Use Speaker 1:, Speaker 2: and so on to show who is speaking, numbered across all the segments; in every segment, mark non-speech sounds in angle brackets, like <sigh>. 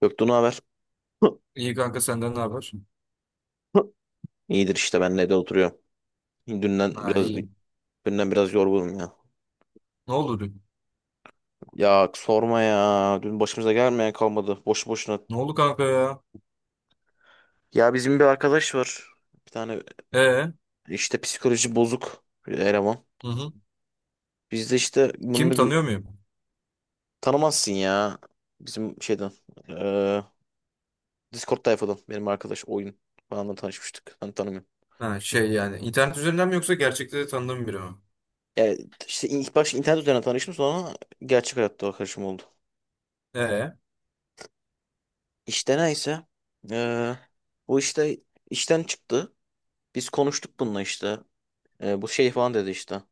Speaker 1: Göktuğ ne haber?
Speaker 2: İyi kanka, senden ne haber?
Speaker 1: <laughs> İyidir işte ben de oturuyorum. Dünden
Speaker 2: Ha,
Speaker 1: biraz
Speaker 2: iyi.
Speaker 1: dünden biraz yorgunum ya.
Speaker 2: Ne oldu dün?
Speaker 1: Ya sorma ya. Dün başımıza gelmeyen kalmadı. Boş boşuna.
Speaker 2: Ne oldu kanka ya?
Speaker 1: Ya bizim bir arkadaş var. Bir tane
Speaker 2: Ee?
Speaker 1: işte psikoloji bozuk bir eleman.
Speaker 2: Hı hı.
Speaker 1: Biz de işte
Speaker 2: Kim,
Speaker 1: bunu
Speaker 2: tanıyor
Speaker 1: gö-.
Speaker 2: muyum?
Speaker 1: Tanımazsın ya. Bizim şeyden eee Discord tayfadan benim arkadaş oyun falanla tanışmıştık. Ben tanımıyorum.
Speaker 2: Ha şey, yani internet üzerinden mi yoksa gerçekte de tanıdığım biri mi?
Speaker 1: Yani işte ilk başta internet üzerinden tanıştım sonra gerçek hayatta arkadaşım oldu.
Speaker 2: Ee?
Speaker 1: İşte neyse. Ee, Bu işte işten çıktı. Biz konuştuk bununla işte. Bu şey falan dedi işte.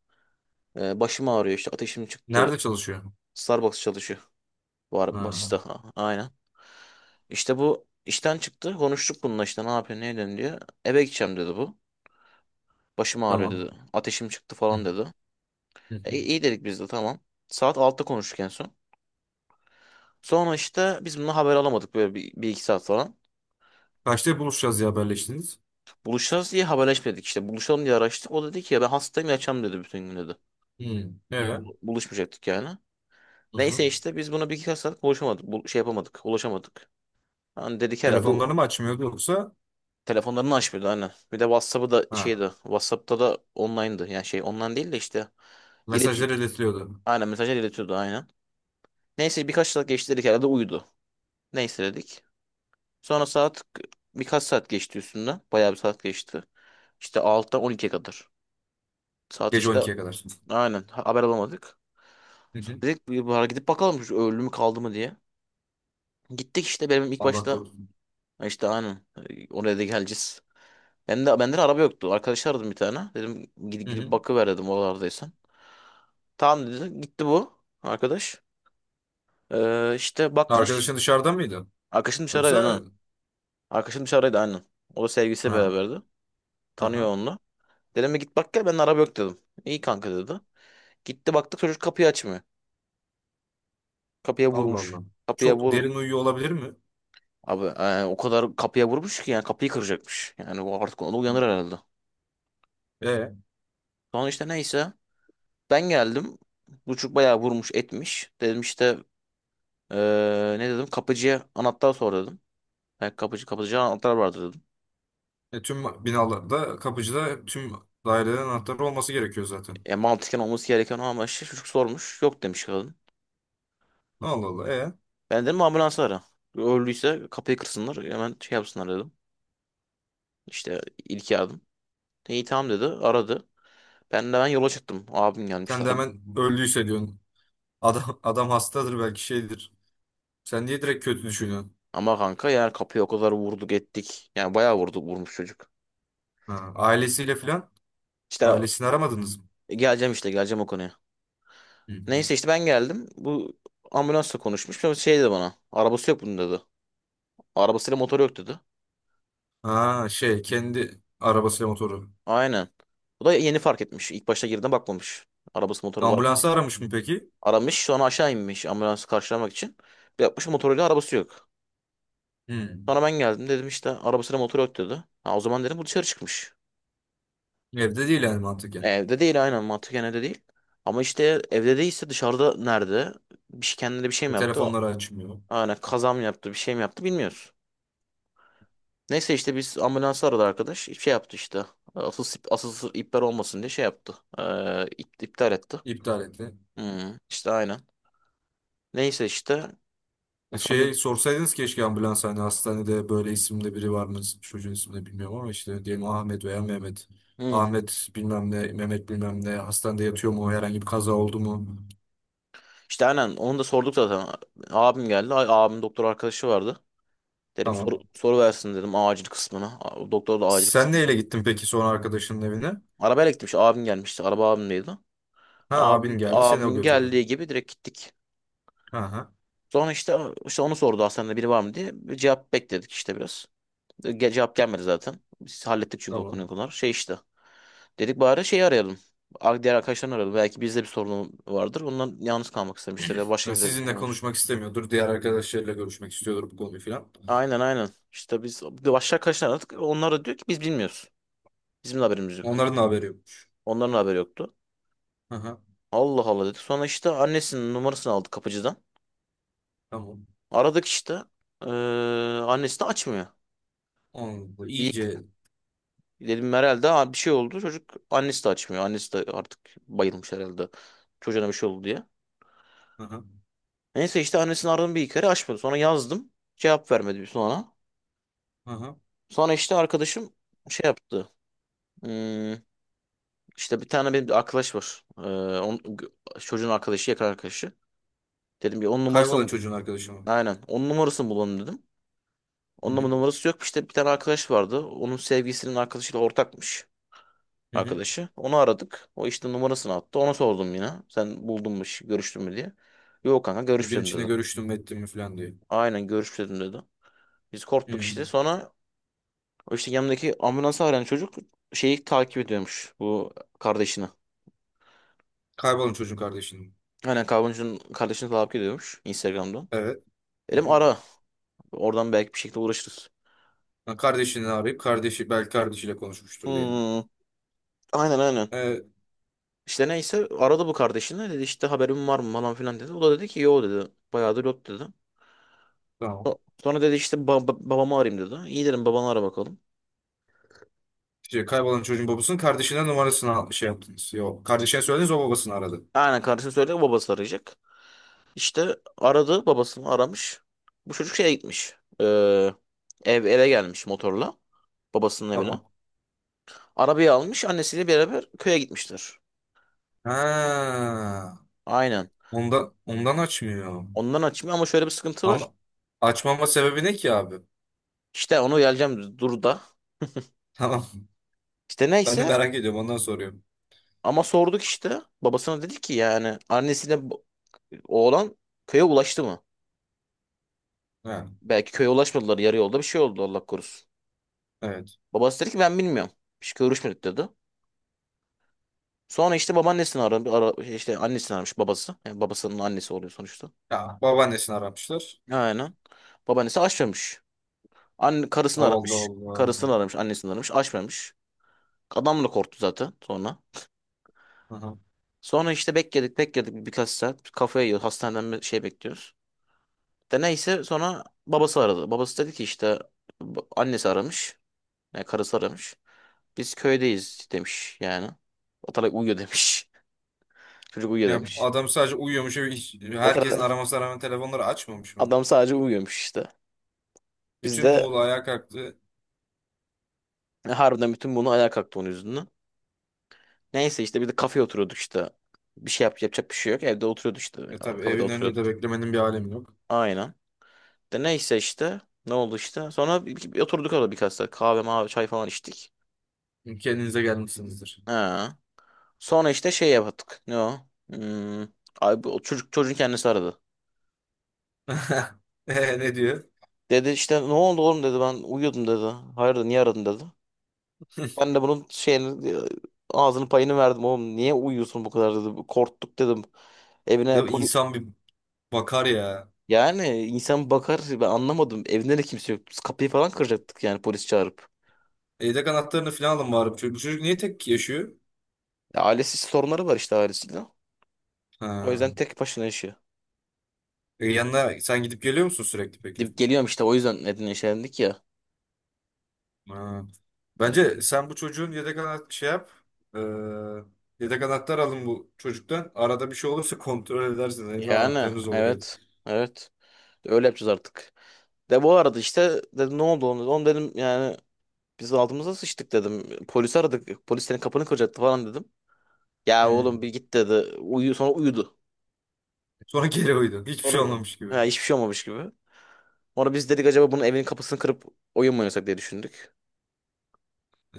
Speaker 1: Başım ağrıyor işte ateşim
Speaker 2: Nerede
Speaker 1: çıktı.
Speaker 2: çalışıyor?
Speaker 1: Starbucks çalışıyor. Var
Speaker 2: Ha,
Speaker 1: barista. Ha, aynen. İşte bu işten çıktı. Konuştuk bununla işte ne yapıyorsun ne ediyorsun diye. Eve gideceğim dedi bu. Başım ağrıyor
Speaker 2: tamam.
Speaker 1: dedi. Ateşim çıktı
Speaker 2: Hı
Speaker 1: falan dedi.
Speaker 2: hı.
Speaker 1: E,
Speaker 2: Hı.
Speaker 1: iyi dedik biz de tamam. Saat 6'da konuştuk en son. Sonra işte biz bununla haber alamadık böyle bir iki saat falan.
Speaker 2: Kaçta buluşacağız ya, haberleştiniz?
Speaker 1: Buluşacağız diye haberleşmedik işte. Buluşalım diye araştık. O dedi ki ya ben hastayım yatacağım dedi bütün gün dedi.
Speaker 2: Hı. Ee?
Speaker 1: Buluşmayacaktık yani.
Speaker 2: Hı hı.
Speaker 1: Neyse işte biz buna bir iki saat konuşamadık. Bu, şey yapamadık. Ulaşamadık. Hani dedik herhalde o-
Speaker 2: Telefonlarını mı açmıyordu yoksa?
Speaker 1: telefonlarını açmıyordu aynen. Bir de WhatsApp'ı da
Speaker 2: Ha.
Speaker 1: şeydi. WhatsApp'ta da online'dı. Yani şey online değil de işte iletim.
Speaker 2: Mesajları iletiliyordu.
Speaker 1: Aynen mesajlar iletiyordu aynen. Neyse birkaç saat geçti dedik herhalde uyudu. Neyse dedik. Sonra saat birkaç saat geçti üstünden. Bayağı bir saat geçti. İşte altıdan on 12'ye kadar. Saat
Speaker 2: Gece on
Speaker 1: işte
Speaker 2: ikiye kadar.
Speaker 1: aynen haber alamadık.
Speaker 2: Hı hı.
Speaker 1: Dedik bir bari gidip bakalım şu ölü mü kaldı mı diye. Gittik işte benim ilk
Speaker 2: Allah
Speaker 1: başta.
Speaker 2: korusun.
Speaker 1: Ha işte aynen, oraya da geleceğiz. Ben de benden araba yoktu. Arkadaş aradım bir tane. Dedim gidip,
Speaker 2: Hı
Speaker 1: gidip
Speaker 2: hı.
Speaker 1: bakıver dedim oralardaysan. Tamam dedi. Gitti bu arkadaş. İşte bakmış.
Speaker 2: Arkadaşın dışarıda mıydı?
Speaker 1: Arkadaşım dışarıdaydı
Speaker 2: Yoksa?
Speaker 1: aynen. Arkadaşım dışarıdaydı aynen. O da sevgilisiyle
Speaker 2: Ha.
Speaker 1: beraberdi. Tanıyor
Speaker 2: Aha.
Speaker 1: onunla. Dedim bir git bak gel benden araba yok dedim. İyi kanka dedi. Gitti baktık çocuk kapıyı açmıyor. Kapıya
Speaker 2: Allah
Speaker 1: vurmuş.
Speaker 2: Allah.
Speaker 1: Kapıya
Speaker 2: Çok
Speaker 1: vur.
Speaker 2: derin uyuyor olabilir mi?
Speaker 1: Abi o kadar kapıya vurmuş ki yani kapıyı kıracakmış. Yani bu artık onu uyanır herhalde.
Speaker 2: E,
Speaker 1: Sonra işte neyse ben geldim. Bu çocuk bayağı vurmuş etmiş. Dedim işte e, ne dedim kapıcıya anahtar sor dedim. Ben kapıcıya anahtar vardı dedim.
Speaker 2: tüm binalarda kapıcıda tüm dairelerin anahtarı olması gerekiyor zaten.
Speaker 1: E, mantıken olması gereken o ama işte çocuk sormuş. Yok demiş kadın.
Speaker 2: Allah Allah. E,
Speaker 1: Ben dedim ambulansı ara. Öldüyse kapıyı kırsınlar hemen şey yapsınlar dedim. İşte ilk yardım. İyi tamam dedi aradı. Ben de ben yola çıktım. Abim gelmişti.
Speaker 2: sen de hemen öldüyse diyorsun. Adam hastadır belki, şeydir. Sen niye direkt kötü düşünüyorsun?
Speaker 1: Ama kanka yani kapıya o kadar vurduk ettik. Yani bayağı vurduk vurmuş çocuk.
Speaker 2: Ha, ailesiyle falan,
Speaker 1: İşte
Speaker 2: ailesini aramadınız mı?
Speaker 1: geleceğim işte geleceğim o konuya.
Speaker 2: Hı.
Speaker 1: Neyse işte ben geldim. Bu ambulansla konuşmuş. Sonra şey dedi bana. Arabası yok bunun dedi. Arabasıyla motoru yok dedi.
Speaker 2: Ha şey, kendi arabasıyla motoru.
Speaker 1: Aynen. Bu da yeni fark etmiş. İlk başta girdiğinde bakmamış. Arabası motoru var mı diye.
Speaker 2: Ambulansı aramış mı peki?
Speaker 1: Aramış sonra aşağı inmiş ambulansı karşılamak için. Bir yapmış motoruyla arabası yok.
Speaker 2: Hı.
Speaker 1: Sonra ben geldim dedim işte arabasıyla motoru yok dedi. Ha, o zaman dedim bu dışarı çıkmış.
Speaker 2: Evde değil yani mantıken.
Speaker 1: Evde değil aynen mantıken evde değil. Ama işte evde değilse dışarıda nerede? Bir şey, kendine bir şey mi
Speaker 2: E,
Speaker 1: yaptı?
Speaker 2: telefonları açmıyor.
Speaker 1: Aynen kaza mı yaptı bir şey mi yaptı bilmiyoruz. Neyse işte biz ambulansı aradı arkadaş. Şey yaptı işte. Asıl iptal olmasın diye şey yaptı. İptal etti.
Speaker 2: İptal etti.
Speaker 1: Hmm, işte aynen. Neyse işte.
Speaker 2: E,
Speaker 1: Sonra
Speaker 2: şey, sorsaydınız keşke ambulans, hani hastanede böyle isimde biri var mı? Çocuğun ismini bilmiyorum ama işte diyelim Ahmet veya Mehmet.
Speaker 1: Hmm,
Speaker 2: Ahmet bilmem ne, Mehmet bilmem ne hastanede yatıyor mu? Herhangi bir kaza oldu mu?
Speaker 1: işte aynen onu da sorduk zaten. Abim geldi. Ay, abim doktor arkadaşı vardı. Dedim
Speaker 2: Tamam.
Speaker 1: soru versin dedim acil kısmına. Doktor da acil
Speaker 2: Sen
Speaker 1: kısmı.
Speaker 2: neyle gittin peki sonra arkadaşının evine?
Speaker 1: Arabayla gitmiş abim gelmişti. Araba abimdeydi.
Speaker 2: Ha, abin
Speaker 1: Abim,
Speaker 2: geldi, seni o
Speaker 1: abim
Speaker 2: götürdü.
Speaker 1: geldiği gibi direkt gittik.
Speaker 2: Ha ha,
Speaker 1: Sonra işte onu sordu hastanede biri var mı diye. Bir cevap bekledik işte biraz. Cevap gelmedi zaten. Biz hallettik çünkü o konuyu
Speaker 2: tamam.
Speaker 1: konular. Şey işte. Dedik bari şeyi arayalım. Diğer arkadaşlarını arayalım. Belki bizde bir sorun vardır. Ondan yalnız kalmak istemiştir. Ya da başka
Speaker 2: Ha,
Speaker 1: bir de
Speaker 2: sizinle
Speaker 1: olmuş.
Speaker 2: konuşmak istemiyordur. Diğer arkadaşlarıyla görüşmek istiyordur bu konuyu filan.
Speaker 1: Aynen aynen. İşte biz başka arkadaşlar aradık. Onlar da diyor ki biz bilmiyoruz. Bizim de haberimiz yok.
Speaker 2: Onların da haberi yokmuş.
Speaker 1: Onların da haberi yoktu.
Speaker 2: Ha ha,
Speaker 1: Allah Allah dedik. Sonra işte annesinin numarasını aldık kapıcıdan.
Speaker 2: tamam.
Speaker 1: Aradık işte. Ee, annesi de açmıyor.
Speaker 2: Anladım.
Speaker 1: Bir,
Speaker 2: İyice.
Speaker 1: Dedim herhalde "Aa, bir şey oldu. Çocuk annesi de açmıyor. Annesi de artık bayılmış herhalde. Çocuğuna bir şey oldu diye.
Speaker 2: Ha ha.
Speaker 1: Neyse işte annesini aradım bir iki kere açmadı. Sonra yazdım. Cevap vermedi bir sonra.
Speaker 2: Ha ha.
Speaker 1: Sonra işte arkadaşım şey yaptı. Hmm, işte bir tane benim bir arkadaş var. Onun, çocuğun arkadaşı yakın arkadaşı. Dedim ya onun
Speaker 2: Kaybolan
Speaker 1: numarasını
Speaker 2: çocuğun arkadaşı mı?
Speaker 1: aynen onun numarasını bulalım dedim.
Speaker 2: Hı
Speaker 1: Onun ama
Speaker 2: hı.
Speaker 1: numarası yok. İşte bir tane arkadaş vardı. Onun sevgilisinin arkadaşıyla ortakmış.
Speaker 2: Hı hı.
Speaker 1: Arkadaşı. Onu aradık. O işte numarasını attı. Ona sordum yine. Sen buldun mu, görüştün mü diye. Yok kanka
Speaker 2: Bir gün
Speaker 1: görüşmedim
Speaker 2: içinde
Speaker 1: dedi.
Speaker 2: görüştüm mü ettim mi falan diye.
Speaker 1: Aynen görüşmedim dedi. Biz korktuk
Speaker 2: Hı.
Speaker 1: işte. Sonra o işte yanındaki ambulansı arayan çocuk şeyi takip ediyormuş. Bu kardeşini.
Speaker 2: Kaybolan çocuğun kardeşinin.
Speaker 1: Aynen kavguncunun kardeşini takip ediyormuş Instagram'dan.
Speaker 2: Evet. Hı
Speaker 1: Dedim
Speaker 2: hı.
Speaker 1: ara. Oradan belki bir şekilde uğraşırız.
Speaker 2: Ha, kardeşini arayıp kardeşi belki kardeşiyle konuşmuştur diye.
Speaker 1: Hmm, aynen aynen.
Speaker 2: Evet.
Speaker 1: İşte neyse aradı bu kardeşini dedi işte haberin var mı falan filan dedi. O da dedi ki yo dedi. Bayağıdır yok dedi.
Speaker 2: Tamam.
Speaker 1: So- Sonra dedi işte babamı arayayım dedi. İyi dedim babanı ara bakalım.
Speaker 2: Şey, kaybolan çocuğun babasının kardeşine numarasını al- şey yaptınız. Yok. Kardeşine söylediniz, o babasını aradı.
Speaker 1: Aynen kardeşim söyledi babası arayacak. İşte aradı babasını aramış. Bu çocuk şeye gitmiş. Ee, eve gelmiş motorla. Babasının evine.
Speaker 2: Tamam.
Speaker 1: Arabayı almış annesiyle beraber köye gitmişler.
Speaker 2: Ha.
Speaker 1: Aynen.
Speaker 2: Ondan, ondan açmıyor.
Speaker 1: Ondan açmıyor ama şöyle bir sıkıntı var.
Speaker 2: Ama açmama sebebi ne ki abi?
Speaker 1: İşte onu geleceğim dur da.
Speaker 2: Tamam. <laughs>
Speaker 1: İşte
Speaker 2: Ben de
Speaker 1: neyse
Speaker 2: merak ediyorum. Ondan soruyorum.
Speaker 1: ama sorduk işte. Babasına dedi ki yani annesiyle oğlan köye ulaştı mı?
Speaker 2: Ha,
Speaker 1: Belki köye ulaşmadılar yarı yolda bir şey oldu Allah korusun.
Speaker 2: evet.
Speaker 1: Babası dedi ki ben bilmiyorum. Hiç görüşmedik dedi. Sonra işte babaannesini aradı. Şey işte annesini aramış babası. Yani babasının annesi oluyor sonuçta.
Speaker 2: Ya, babaannesini aramışlar.
Speaker 1: Aynen. Babaannesi açmamış. Karısını
Speaker 2: Allah
Speaker 1: aramış.
Speaker 2: Allah.
Speaker 1: Karısını aramış. Annesini aramış. Açmamış. Adam da korktu zaten sonra.
Speaker 2: Aha.
Speaker 1: Sonra işte bekledik bekledik birkaç saat. Kafayı yiyor. Hastaneden bir şey bekliyoruz. De neyse sonra babası aradı. Babası dedi ki işte annesi aramış. Yani karısı aramış. Biz köydeyiz demiş yani. Atarak uyuyor demiş. <laughs> Çocuk uyuyor
Speaker 2: Ya
Speaker 1: demiş.
Speaker 2: adam sadece uyuyormuş ve hiç-
Speaker 1: O
Speaker 2: herkesin
Speaker 1: sıra
Speaker 2: aramasına rağmen telefonları açmamış mı?
Speaker 1: adam sadece uyuyormuş işte. Biz
Speaker 2: Bütün
Speaker 1: de
Speaker 2: Muğla ayağa kalktı.
Speaker 1: harbiden bütün bunu ayağa kalktı onun yüzünden. Neyse işte bir de kafeye oturuyorduk işte. Bir şey yapacak bir şey yok. Evde oturuyorduk işte.
Speaker 2: E tabii,
Speaker 1: Kafede
Speaker 2: evin önünde de
Speaker 1: oturuyorduk.
Speaker 2: beklemenin bir alemi yok.
Speaker 1: Aynen. De neyse işte. Ne oldu işte. Sonra bir oturduk orada birkaç saat. Kahve, mavi, çay falan içtik.
Speaker 2: Kendinize gelmişsinizdir.
Speaker 1: Ha. Sonra işte şey yaptık. Ne o? Hmm. Abi, o çocuk, çocuğun kendisi aradı.
Speaker 2: <laughs> E, ne diyor?
Speaker 1: Dedi işte ne oldu oğlum dedi ben uyuyordum dedi. Hayırdır niye aradın dedi. Ben de bunun şeyini ağzını payını verdim oğlum. Niye uyuyorsun bu kadar dedim. Korktuk dedim. Evine
Speaker 2: Ya
Speaker 1: polis
Speaker 2: insan bir bakar ya.
Speaker 1: yani insan bakar ben anlamadım. Evinde de kimse yok. Biz kapıyı falan kıracaktık yani polis çağırıp.
Speaker 2: Evde anahtarını falan alın bari. Bu çocuk, bu çocuk niye tek yaşıyor?
Speaker 1: Ya ailesi sorunları var işte ailesiyle. O
Speaker 2: Ha.
Speaker 1: yüzden tek başına yaşıyor.
Speaker 2: E, yanına sen gidip geliyor musun sürekli peki?
Speaker 1: Dip geliyorum işte o yüzden Edirne işelendik ya.
Speaker 2: Ha. Bence sen bu çocuğun yedek anahtar şey yap. E, yedek anahtar alın bu çocuktan. Arada bir şey olursa kontrol edersiniz. Evde
Speaker 1: Yani
Speaker 2: anahtarınız olur. Ev.
Speaker 1: evet. Evet. Öyle yapacağız artık. De bu arada işte dedim ne oldu onu. Onu dedim yani biz altımıza sıçtık dedim. Polisi aradık. Polis senin kapını kıracaktı falan dedim. Ya
Speaker 2: Hı.
Speaker 1: oğlum bir git dedi. Uyu, sonra uyudu.
Speaker 2: Sonra geri uyudum. Hiçbir şey
Speaker 1: Sonra
Speaker 2: olmamış gibi.
Speaker 1: ha, hiçbir şey olmamış gibi. Sonra biz dedik acaba bunun evinin kapısını kırıp oyun mu oynasak diye düşündük.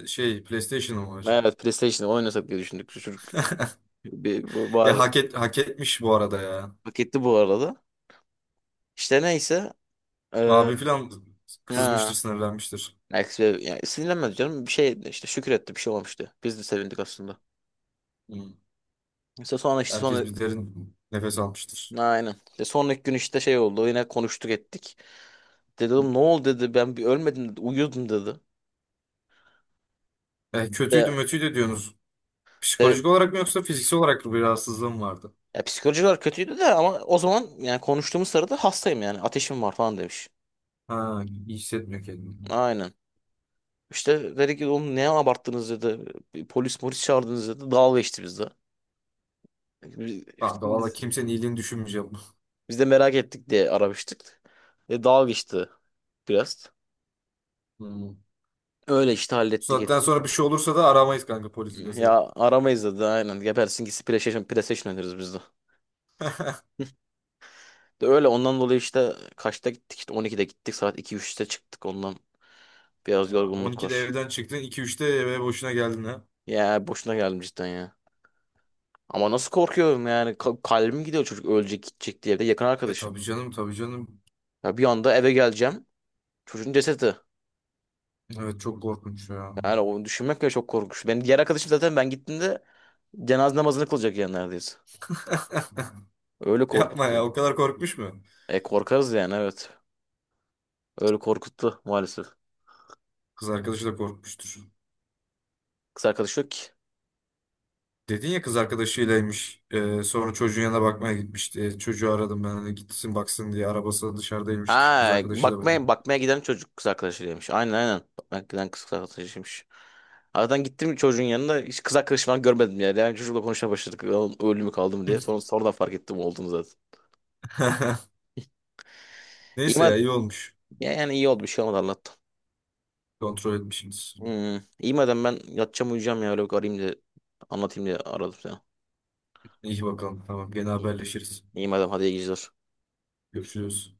Speaker 2: Şey, PlayStation'ım var.
Speaker 1: Evet PlayStation'da oynasak diye düşündük. Şu çocuk
Speaker 2: <laughs> Ya
Speaker 1: var,
Speaker 2: hak et, hak etmiş bu arada ya.
Speaker 1: hak etti bu arada. İşte neyse. Ee,
Speaker 2: Abim falan kızmıştır,
Speaker 1: ha,
Speaker 2: sinirlenmiştir.
Speaker 1: Alex Bey- yani sinirlenmedi canım. Bir şey işte şükür etti bir şey olmamıştı. Biz de sevindik aslında.
Speaker 2: Hmm.
Speaker 1: İşte sonra işte
Speaker 2: Herkes
Speaker 1: sonra
Speaker 2: bir derin nefes almıştır.
Speaker 1: aynen. İşte sonraki gün işte şey oldu. Yine konuştuk ettik. Dedim ne oldu dedi ben bir ölmedim dedi. Uyuyordum dedi.
Speaker 2: E, kötüydü,
Speaker 1: De,
Speaker 2: mötüydü diyorsunuz. Psikolojik olarak mı yoksa fiziksel olarak mı bir rahatsızlığım vardı?
Speaker 1: Ya psikolojikler kötüydü de ama o zaman yani konuştuğumuz sırada hastayım yani ateşim var falan demiş.
Speaker 2: Ha, iyi hissetmiyor kendini.
Speaker 1: Aynen. İşte dedi ki oğlum ne abarttınız dedi. Bir polis çağırdınız dedi. Dalga geçti bizde. Biz, işte
Speaker 2: Kanka valla
Speaker 1: biz,
Speaker 2: kimsenin iyiliğini düşünmeyeceğim. <laughs>
Speaker 1: biz de merak ettik diye aramıştık. E, dalga geçti biraz.
Speaker 2: Hmm. Bu
Speaker 1: Öyle işte hallettik.
Speaker 2: saatten sonra bir şey olursa da aramayız kanka polisi deseydin.
Speaker 1: Ya aramayız dedi aynen. Gebersin gitsin PlayStation oynarız biz de. <laughs> De öyle ondan dolayı işte kaçta gittik işte 12'de gittik saat 2-3'te çıktık ondan. Biraz
Speaker 2: Ya
Speaker 1: yorgunluk
Speaker 2: 12'de
Speaker 1: var.
Speaker 2: evden çıktın, 2-3'te eve boşuna geldin ha.
Speaker 1: Ya boşuna geldim cidden ya. Ama nasıl korkuyorum yani. Kalbim gidiyor çocuk ölecek gidecek diye. Bir de yakın
Speaker 2: E
Speaker 1: arkadaşım.
Speaker 2: tabii canım, tabii canım.
Speaker 1: Ya bir anda eve geleceğim. Çocuğun cesedi.
Speaker 2: Evet çok korkunç ya.
Speaker 1: Yani onu düşünmek bile çok korkunç. Benim diğer arkadaşım zaten ben gittiğimde cenaze namazını kılacak yani neredeyse. Öyle
Speaker 2: Yapma ya,
Speaker 1: korkuttu.
Speaker 2: o kadar korkmuş mu?
Speaker 1: E korkarız yani evet. Öyle korkuttu maalesef.
Speaker 2: Kız arkadaşı da korkmuştur.
Speaker 1: Kız arkadaşı yok ki.
Speaker 2: Dedin ya kız arkadaşıylaymış. Sonra çocuğun yanına bakmaya gitmişti. E, çocuğu aradım ben hani gitsin baksın diye. Arabası da dışarıdaymış kız
Speaker 1: Ha
Speaker 2: arkadaşıyla böyle.
Speaker 1: bakmaya bakmaya giden çocuk kız arkadaşıymış. Aynen aynen. Bakmaya giden kız arkadaşıymış. Aradan gittim çocuğun yanına hiç kız arkadaşı falan görmedim yani. Yani çocukla konuşmaya başladık. Oğlum öldü mü kaldı mı diye. Sonra sonradan fark ettim olduğunu zaten.
Speaker 2: <laughs>
Speaker 1: İyi.
Speaker 2: Neyse ya, iyi olmuş.
Speaker 1: Ya yani iyi oldu bir şey olmadı Allah'tan.
Speaker 2: Kontrol etmişsiniz.
Speaker 1: Hmm. İyi madem ben yatacağım uyuyacağım ya. Öyle bir arayayım da anlatayım diye aradım sana.
Speaker 2: İyi bakalım. Tamam, gene
Speaker 1: İyi,
Speaker 2: haberleşiriz.
Speaker 1: iyi madem hadi iyi geceler.
Speaker 2: Görüşürüz.